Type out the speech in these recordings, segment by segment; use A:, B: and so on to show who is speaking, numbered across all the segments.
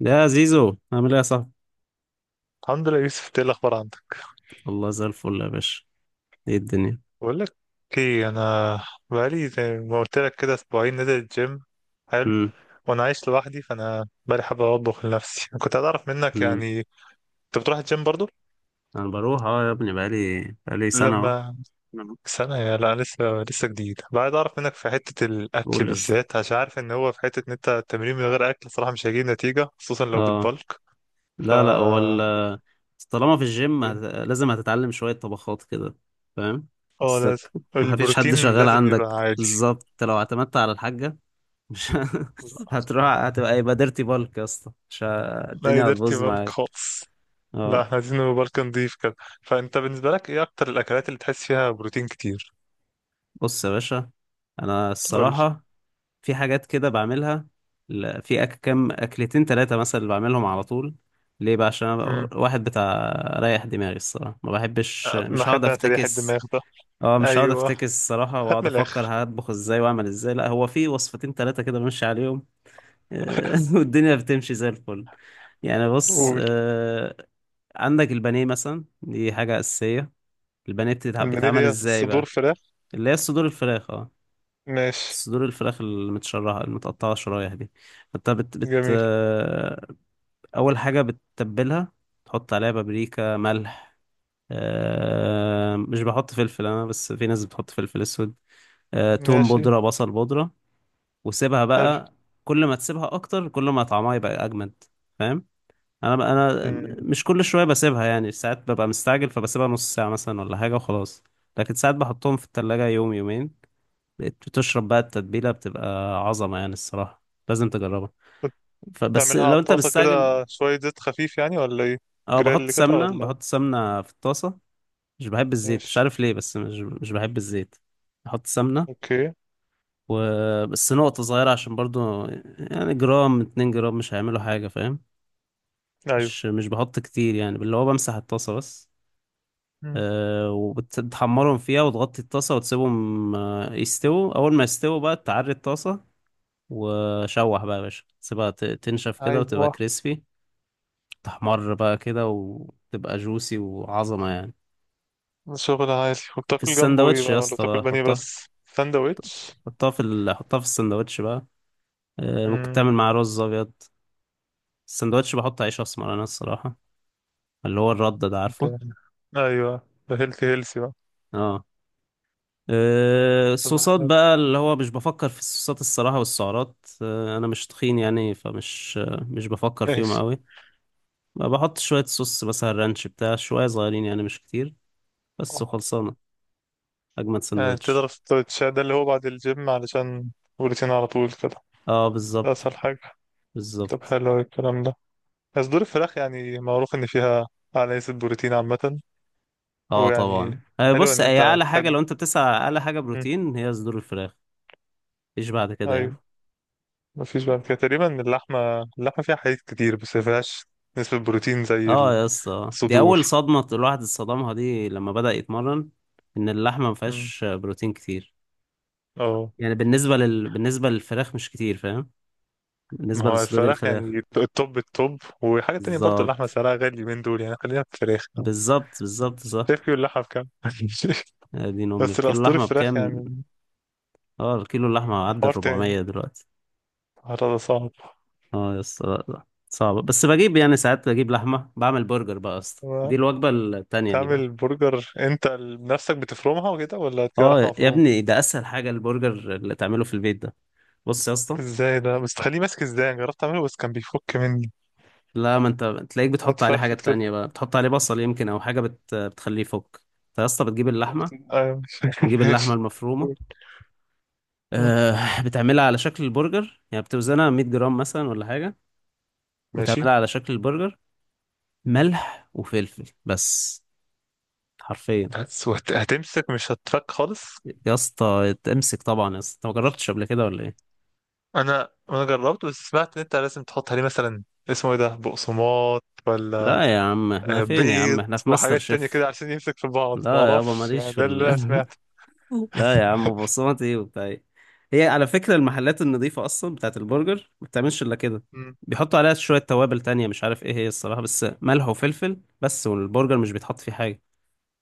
A: يا زيزو، عامل ايه يا صاحبي؟
B: الحمد لله، يوسف. ايه الاخبار عندك؟
A: والله زي الفل يا باشا. ايه الدنيا؟
B: بقول لك ايه، انا بقالي زي ما قلت لك كده اسبوعين نزل الجيم. حلو.
A: امم.
B: وانا عايش لوحدي، فانا بقالي حابة اطبخ لنفسي. كنت عايز اعرف منك
A: امم.
B: يعني انت بتروح الجيم برضو؟
A: انا بروح، اه، يا ابني، بقالي سنه اهو.
B: لما نعم. سنة؟ يا لا، لسه. لسه جديد بقى، عايز اعرف منك في حتة الاكل
A: قول يا اسطى.
B: بالذات، عشان عارف ان هو في حتة ان انت التمرين من غير اكل صراحة مش هيجيب نتيجة، خصوصا لو
A: اه.
B: بتبلك. ف
A: لا، لا، طالما في الجيم
B: إيه؟
A: لازم هتتعلم شويه طبخات كده. فاهم؟
B: اه لازم.
A: بسك. ما فيش حد
B: البروتين
A: شغال
B: لازم يبقى
A: عندك
B: عالي.
A: بالظبط، انت لو اعتمدت على الحاجه، مش. هتروح هتبقى، يبقى ديرتي بالك يا اسطى، مش ه-
B: لا،
A: الدنيا
B: قدرت
A: هتبوظ
B: يبلك
A: معاك.
B: خالص. لا،
A: اه.
B: احنا عايزين نبقى بلك نضيف كده. فانت بالنسبه لك ايه اكتر الاكلات اللي تحس فيها بروتين كتير؟
A: بص يا باشا، انا
B: قول لي.
A: الصراحه في حاجات كده بعملها. في كام أكلتين تلاتة مثلا اللي بعملهم على طول. ليه بقى؟ عشان أنا
B: امم.
A: واحد بتاع ريح دماغي الصراحة، ما بحبش،
B: أه،
A: مش هقعد
B: بحب انا تريح الدماغ
A: أفتكس.
B: ده.
A: اه، مش هقعد
B: ايوه،
A: أفتكس الصراحة
B: هات
A: وأقعد
B: من
A: أفكر
B: الاخر.
A: هطبخ إزاي وأعمل إزاي. لا، هو في وصفتين تلاتة كده بمشي عليهم. والدنيا بتمشي زي الفل. يعني بص،
B: قول.
A: عندك البانيه مثلا دي حاجة أساسية. البانيه
B: المنيل
A: بيتعمل
B: هي
A: إزاي
B: صدور
A: بقى؟
B: فراخ.
A: اللي هي صدور الفراخ، اه.
B: ماشي.
A: صدور الفراخ المتشرحة المتقطعة شرايح دي، فانت بت بت
B: جميل.
A: آه، أول حاجة بتتبلها، تحط عليها بابريكا، ملح. مش بحط فلفل أنا، بس في ناس بتحط فلفل أسود. توم
B: ماشي.
A: بودرة، بصل بودرة. وسيبها
B: حلو.
A: بقى. كل ما تسيبها أكتر، كل ما طعمها يبقى أجمد. فاهم؟ أنا
B: امم
A: مش كل شوية بسيبها يعني، ساعات ببقى مستعجل فبسيبها نص ساعة مثلا ولا حاجة وخلاص. لكن ساعات بحطهم في التلاجة يوم يومين، بقيت بتشرب بقى، التتبيلة بتبقى عظمة يعني الصراحة. لازم تجربها.
B: كنت
A: فبس
B: تعملها على
A: لو انت
B: الطاسه كده،
A: مستعجل،
B: شويه زيت خفيف يعني ولا ايه؟
A: اه،
B: جريل كده ولا؟
A: بحط سمنة في الطاسة. مش بحب الزيت، مش
B: ماشي.
A: عارف ليه، بس مش بحب الزيت. بحط سمنة،
B: اوكي.
A: وبس نقطة صغيرة عشان برضو، يعني جرام، 2 جرام مش هيعملوا حاجة، فاهم؟
B: ايوه.
A: مش بحط كتير يعني، اللي هو بمسح الطاسة بس.
B: مم.
A: أه، وبتحمرهم فيها وتغطي الطاسة وتسيبهم، يستووا. أول ما يستووا بقى تعري الطاسة وشوح بقى يا باشا، سيبها تنشف كده وتبقى
B: ايوه.
A: كريسبي، تحمر بقى كده وتبقى جوسي وعظمة يعني.
B: شغل عادي.
A: في
B: وبتاكل جنبه ايه
A: السندوتش
B: بقى،
A: يا
B: ولا
A: اسطى
B: بتاكل
A: بقى
B: بانيه
A: حطها،
B: بس ساندوتش؟
A: حطها في السندوتش بقى. ممكن
B: امم
A: تعمل مع رز ابيض. السندوتش بحط عيش اسمر انا الصراحة، اللي هو الرد ده،
B: انت.
A: عارفه؟
B: ايوه. ده هيلثي هيلثي بقى.
A: اه.
B: طب
A: الصوصات
B: حلو.
A: بقى، اللي هو مش بفكر في الصوصات الصراحة والسعرات. انا مش تخين يعني، فمش مش بفكر فيهم
B: ماشي.
A: قوي. بحط شوية صوص مثلا رانش بتاع، شوية صغيرين يعني، مش كتير بس
B: أوه.
A: وخلصانة. اجمد
B: يعني
A: سندوتش.
B: تضرب السندوتشات ده اللي هو بعد الجيم علشان بروتين على طول كده.
A: اه،
B: ده
A: بالظبط.
B: اسهل حاجة. طب
A: بالظبط.
B: حلو أوي الكلام ده. صدور الفراخ يعني معروف ان فيها اعلى نسبة بروتين عامة.
A: اه
B: ويعني
A: طبعا،
B: حلو
A: بص،
B: ان
A: هي
B: انت
A: اعلى حاجه،
B: تحب.
A: لو انت بتسعى على اعلى حاجه
B: مم.
A: بروتين هي صدور الفراخ. مفيش بعد كده يعني.
B: ايوه. مفيش بعد كده تقريبا. اللحمة فيها حديد كتير بس مفيهاش نسبة بروتين زي
A: اه يا اسطى، دي اول
B: الصدور.
A: صدمه الواحد اتصدمها دي لما بدأ يتمرن، ان اللحمه ما
B: مم.
A: فيهاش بروتين كتير.
B: اه.
A: يعني بالنسبه للفراخ مش كتير، فاهم؟
B: ما
A: بالنسبه
B: هو
A: لصدور
B: الفراخ
A: الفراخ.
B: يعني التوب التوب. وحاجة تانية برضو، اللحمة
A: بالظبط،
B: سعرها غالي من دول، يعني خلينا في الفراخ.
A: بالظبط، بالظبط، صح.
B: شايف واللحمة بكام.
A: دي ام
B: بس
A: الكيلو
B: الأسطوري
A: لحمه
B: الفراخ
A: بكام؟
B: يعني.
A: اه، الكيلو اللحمه
B: ده
A: عدى ال
B: حوار تاني.
A: 400 دلوقتي.
B: الحوار ده صعب.
A: اه يا اسطى، لا، لا، صعبة، بس بجيب يعني، ساعات بجيب لحمة بعمل برجر بقى يا اسطى، دي
B: هو
A: الوجبة التانية دي بقى.
B: تعمل برجر انت بنفسك بتفرمها وكده، ولا تجيب
A: اه
B: لحمة
A: يا
B: مفرومة؟
A: ابني، ده اسهل حاجة البرجر اللي تعمله في البيت ده. بص يا اسطى،
B: ازاي ده بس تخليه ماسك ازاي؟ أنا جربت اعمله بس كان بيفك مني.
A: لا، ما انت تلاقيك بتحط عليه
B: اتفرفت
A: حاجات
B: كده.
A: تانية بقى، بتحط عليه بصل يمكن او حاجة بتخليه يفك. فيا اسطى بتجيب اللحمة،
B: ايوه. ماشي.
A: نجيب اللحمة
B: ماشي.
A: المفرومة.
B: مم.
A: أه، بتعملها على شكل البرجر يعني، بتوزنها 100 جرام مثلا ولا حاجة،
B: ماشي.
A: وتعملها على شكل البرجر. ملح وفلفل بس، حرفيا.
B: بس هتمسك مش هتفك خالص.
A: يا اسطى تمسك طبعا يا اسطى، انت ما جربتش قبل كده ولا ايه؟
B: انا جربت بس سمعت ان انت لازم تحط عليه مثلا اسمه ايه ده، بقسماط ولا
A: لا يا عم، احنا
B: آه،
A: فين يا عم،
B: بيض
A: احنا في ماستر
B: وحاجات تانية
A: شيف؟
B: كده عشان يمسك في بعض، ما
A: لا يابا،
B: اعرفش يعني،
A: ماليش
B: ده اللي انا سمعته.
A: لا يا عم، بصمتي وبتاع ايه. هي على فكرة المحلات النظيفة اصلا بتاعت البرجر ما بتعملش الا كده،
B: مم.
A: بيحطوا عليها شوية توابل تانية مش عارف ايه هي الصراحة، بس ملح وفلفل بس، والبرجر مش بيتحط فيه حاجة.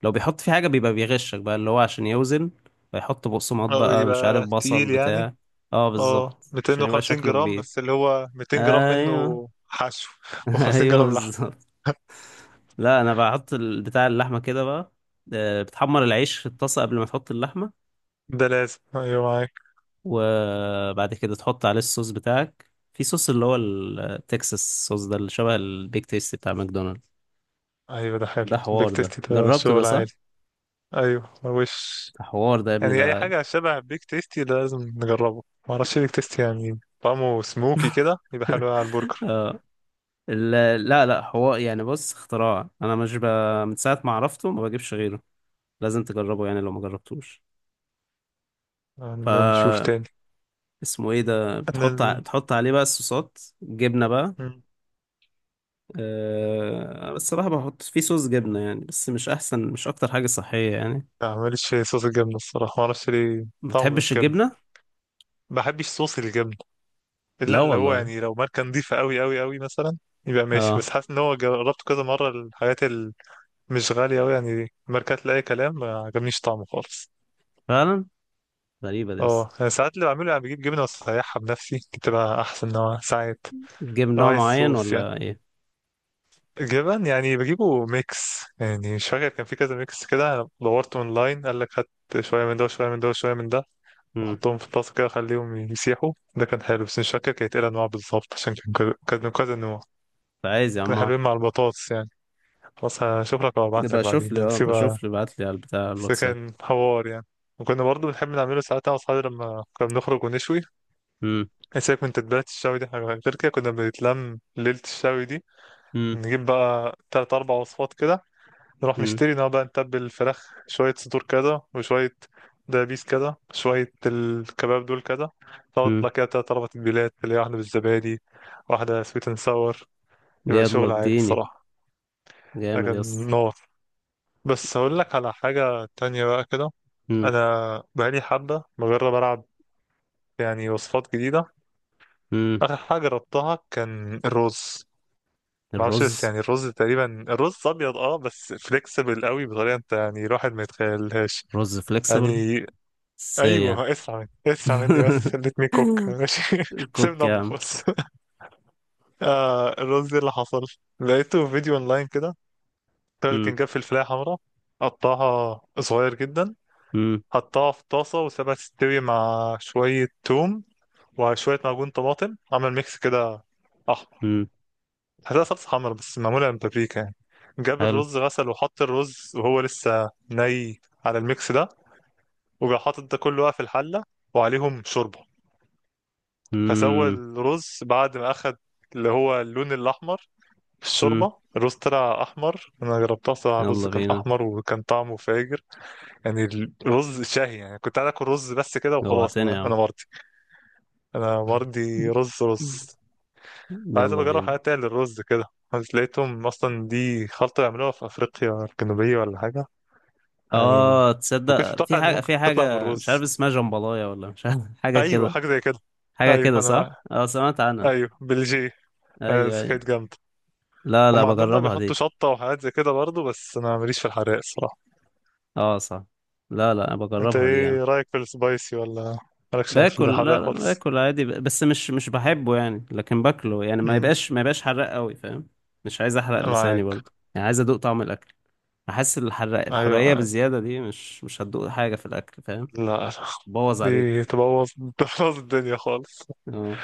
A: لو بيحط فيه حاجة بيبقى بيغشك بقى، اللي هو عشان يوزن، بيحط بقسماط
B: او
A: بقى، مش عارف،
B: يبقى
A: بصل
B: تقيل يعني.
A: بتاع. اه
B: اه
A: بالظبط، عشان يبقى
B: 250
A: شكله
B: جرام،
A: كبير.
B: بس اللي هو 200 جرام
A: ايوه.
B: منه حشو، و50
A: ايوه
B: جرام لحم.
A: بالظبط. لا، انا بحط بتاع اللحمه كده بقى. بتحمر العيش في الطاسه قبل ما تحط اللحمه،
B: ده لازم، ايوه معاك.
A: وبعد كده تحط عليه الصوص بتاعك، في صوص اللي هو التكساس صوص ده، اللي شبه البيك تيستي بتاع ماكدونالدز.
B: ايوه ده حلو.
A: ده
B: بيك
A: حوار ده.
B: تيستي ده
A: جربته ده،
B: شغل
A: صح.
B: عالي. ايوه وش.
A: ده حوار ده يا ابني
B: يعني
A: ده.
B: اي حاجه شبه بيك تيستي ده لازم نجربه. ما اعرفش بيك تيستي، يعني طعمه سموكي كده يبقى حلو على البرجر.
A: اه. ال- لا، لا، حوار يعني، بص اختراع انا، مش ب... من ساعه ما عرفته ما بجيبش غيره. لازم تجربه يعني لو ما جربتوش.
B: يعني ما نشوف
A: ف
B: تاني.
A: اسمه ايه ده، بتحط
B: انا
A: بتحط عليه بقى الصوصات، جبنه بقى.
B: ال...
A: أه، بس الصراحة بحط فيه صوص جبنة يعني، بس مش أحسن، مش أكتر حاجة صحية يعني.
B: لا، ماليش في صوص الجبنة الصراحة، ما اعرفش ليه.
A: ما
B: طعمه مش
A: بتحبش
B: جبنة.
A: الجبنة؟
B: ما بحبش صوص الجبنة. الا
A: لا
B: اللي هو
A: والله.
B: يعني لو ماركة نظيفة قوي قوي قوي مثلا يبقى ماشي. بس
A: اه.
B: حاسس ان هو جربته كذا مرة، الحاجات اللي مش غالية قوي يعني، ماركات لأي كلام، ما عجبنيش طعمه خالص.
A: فعلا، غريبة دي أصلا.
B: اه انا ساعات اللي بعمله يعني بجيب جبنة وأسيحها بنفسي، بتبقى احسن نوع ساعات.
A: تجيب
B: لو
A: نوع
B: عايز
A: معين
B: صوص يعني
A: ولا إيه؟
B: جبن يعني، بجيبه ميكس يعني. مش فاكر كان في كذا ميكس كده، أنا دورت اونلاين قال لك هات شوية من ده وشوية من ده وشوية من ده،
A: مم.
B: واحطهم في الطاسة كده اخليهم يسيحوا. ده كان حلو، بس مش فاكر كانت ايه الانواع بالظبط، عشان كان من كذا نوع.
A: عايز يا عم
B: كانوا
A: أعرف.
B: حلوين مع البطاطس يعني. خلاص هشوف لك وابعت لك
A: يبقى شوف
B: بعدين،
A: لي،
B: ده
A: اه،
B: سيبها.
A: بشوف لي، بعت لي على البتاع
B: بس
A: الواتساب.
B: كان حوار يعني. وكنا برضه بنحب نعمله ساعات انا واصحابي لما كنا بنخرج ونشوي.
A: مم.
B: إيه سيبك من تتبيلات الشوي دي، حاجة غير كده. كنا بنتلم ليلة الشوي دي،
A: مم.
B: نجيب بقى تلات أربع وصفات كده، نروح
A: مم.
B: نشتري، نقعد بقى نتبل الفراخ، شوية صدور كده وشوية دبابيس كده، شوية الكباب دول كده.
A: مم.
B: تطلع كده تلات أربع تتبيلات، اللي هي واحدة بالزبادي، واحدة سويت اند ساور. يبقى
A: يلا
B: شغل عالي
A: اديني.
B: الصراحة.
A: جامد يا
B: لكن
A: اسطى.
B: نار. بس هقول لك على حاجة تانية بقى كده.
A: مم.
B: أنا بقالي حبة بجرب ألعب يعني وصفات جديدة.
A: مم.
B: آخر حاجة جربتها كان الرز. معرفش بس
A: الرز.
B: يعني الرز تقريبا، الرز أبيض اه بس فليكسبل قوي بطريقة انت يعني الواحد ما يتخيلهاش.
A: رز فليكسبل.
B: يعني
A: ازاي يعني؟
B: ايوه، اسمع اسمع مني بس، let me cook ماشي.
A: كوك
B: سيبنا
A: يا
B: اطبخ
A: عم.
B: بس. آه الرز إيه اللي حصل، لقيته في فيديو اونلاين كده. الراجل
A: مم.
B: كان جاب فلفلايه حمراء، قطعها صغير جدا،
A: مم.
B: حطها في طاسه وسابها تستوي مع شويه توم وشويه معجون طماطم، عمل ميكس كده احمر.
A: مم.
B: هتلاقي صلصه حمرا بس معموله من بابريكا يعني. جاب
A: حلو.
B: الرز غسل وحط الرز وهو لسه ني على الميكس ده. وجا حاطط ده كله بقى في الحله، وعليهم شوربه. فسوى
A: مم.
B: الرز بعد ما اخد اللي هو اللون الاحمر في
A: مم.
B: الشوربه. الرز طلع احمر. انا جربتها صراحه، الرز
A: يلا
B: كان
A: بينا.
B: احمر وكان طعمه فاجر يعني. الرز شهي يعني. كنت عايز اكل رز بس كده وخلاص.
A: جوعتني يا
B: انا
A: عم.
B: مرضي. انا مرضي رز رز. عايز
A: يلا
B: أبقى اجرب
A: بينا.
B: حاجات تانية للرز كده. بس لقيتهم اصلا دي خلطه بيعملوها في افريقيا الجنوبيه ولا حاجه. يعني
A: اه،
B: ما كنتش
A: تصدق في
B: متوقع ان
A: حاجة
B: ممكن
A: في
B: تطلع من
A: حاجة مش
B: الرز.
A: عارف اسمها، جمبلاية ولا مش عارف، حاجة
B: ايوه
A: كده.
B: حاجه زي كده.
A: حاجة
B: ايوه
A: كده، صح؟
B: انا.
A: اه، سمعت عنها.
B: ايوه بلجيه. آه،
A: ايوه،
B: بس
A: ايوه.
B: كانت جامده.
A: لا، لا،
B: هم عندهم بقى
A: بجربها
B: بيحطوا
A: دي.
B: شطة وحاجات زي كده برضه، بس أنا ماليش في الحراق الصراحة.
A: اه صح. لا، لا، أنا
B: أنت
A: بجربها دي يعني.
B: إيه رأيك في السبايسي، ولا مالكش في
A: لا،
B: الحراق
A: لا،
B: خالص؟
A: باكل عادي، بس مش بحبه يعني، لكن باكله يعني، ما
B: امم.
A: يبقاش، ما يبقاش حراق قوي، فاهم؟ مش عايز احرق لساني
B: معاك.
A: برضه يعني، عايز ادوق طعم الاكل. احس الحراق، الحرقية
B: أيوه.
A: بالزيادة دي مش هتدوق حاجة في الاكل، فاهم؟
B: لا لا.
A: بوظ
B: دي
A: عليك.
B: تبوظ. تبوظ الدنيا خالص.
A: اه.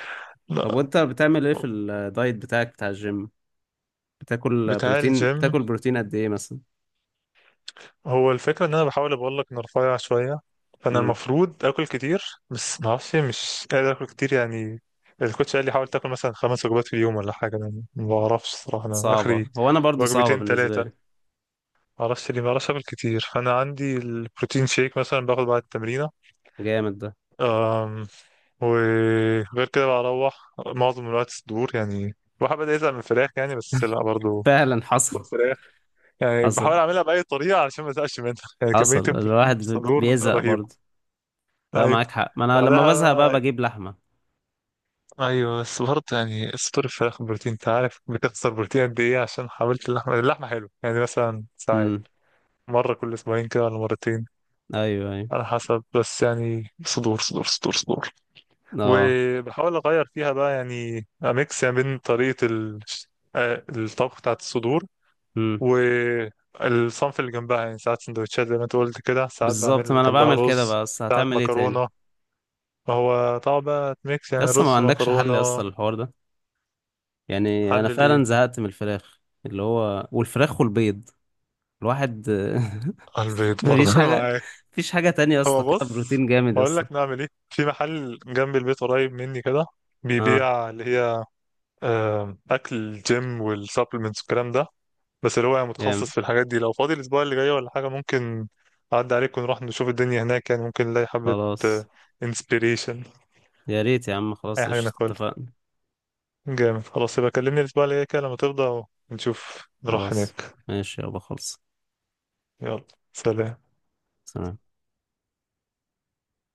A: طب،
B: لا.
A: وانت بتعمل ايه في الدايت بتاعك بتاع الجيم؟
B: بتاع الجيم.
A: بتاكل بروتين قد ايه مثلا؟
B: هو الفكرة إن أنا بحاول أقول لك إن رفيع شوية، فأنا
A: امم.
B: المفروض آكل كتير. بس معرفش، مش قادر آكل كتير يعني. الكوتش قال لي حاول تاكل مثلا خمس وجبات في اليوم ولا حاجة، أنا ما بعرفش الصراحة. أنا آخري
A: صعبة، هو انا برضو صعبة
B: وجبتين
A: بالنسبة
B: تلاتة.
A: لي.
B: معرفش ليه، بعرفش اعمل كتير. فانا عندي البروتين شيك مثلا باخد بعد التمرينه.
A: جامد ده.
B: أم، وغير كده بروح معظم الوقت صدور. يعني الواحد بدأ يزهق من الفراخ يعني، بس لا برضه
A: فعلا حصل.
B: فراخ. يعني
A: حصل.
B: بحاول اعملها بأي طريقة علشان ما ازهقش منها. يعني كمية
A: حصل،
B: البروتين في
A: الواحد
B: الصدور
A: بيزهق برضو.
B: رهيبة.
A: لا، معاك
B: ايوه
A: حق، ما انا لما
B: وبعدها
A: بزهق بقى
B: بقى-
A: بجيب لحمة.
B: ايوه، بس برضه يعني صدور الفراخ بروتين انت عارف بتخسر بروتين قد ايه، عشان حاولت. اللحمة حلوة يعني مثلا
A: امم.
B: ساعات مرة كل اسبوعين كده ولا مرتين،
A: ايوه، ايوه.
B: على حسب. بس يعني صدور صدور صدور صدور.
A: اه.
B: وبحاول اغير فيها بقى يعني اميكس يعني، بين طريقه آه، الطبخ بتاعت الصدور
A: امم.
B: والصنف اللي جنبها. يعني ساعات سندوتشات زي ما انت قلت كده، ساعات
A: بالظبط،
B: بعمل
A: ما انا
B: جنبها
A: بعمل كده،
B: رز،
A: بس
B: ساعات
A: هتعمل ايه تاني؟
B: مكرونه. هو طبعا بقى ميكس يعني
A: لسه
B: رز
A: ما عندكش حل يا اسطى
B: مكرونه.
A: للحوار ده؟ يعني انا
B: حلل
A: فعلا
B: ايه؟
A: زهقت من الفراخ، اللي هو والفراخ والبيض، الواحد.
B: البيض برضه
A: مفيش حاجة.
B: معايا.
A: مفيش حاجة تانية يا اسطى
B: هو
A: فيها
B: بص،
A: بروتين جامد يا
B: هقول
A: اسطى.
B: لك نعمل ايه. في محل جنب البيت قريب مني كده،
A: اه.
B: بيبيع اللي هي آه، اكل الجيم والسبلمنتس والكلام ده، بس اللي هو يعني متخصص
A: جامد
B: في الحاجات دي. لو فاضي الاسبوع اللي جاي ولا حاجه، ممكن اعدي عليك ونروح نشوف الدنيا هناك، يعني ممكن نلاقي حبه
A: خلاص.
B: انسبيريشن،
A: يا ريت يا عم،
B: اي
A: خلاص،
B: حاجه
A: قشطة،
B: ناكلها.
A: اتفقنا.
B: جامد. خلاص يبقى كلمني الاسبوع اللي جاي كده لما تفضى، ونشوف نروح
A: خلاص.
B: هناك.
A: ماشي يابا، خلص.
B: يلا، سلام.
A: سلام.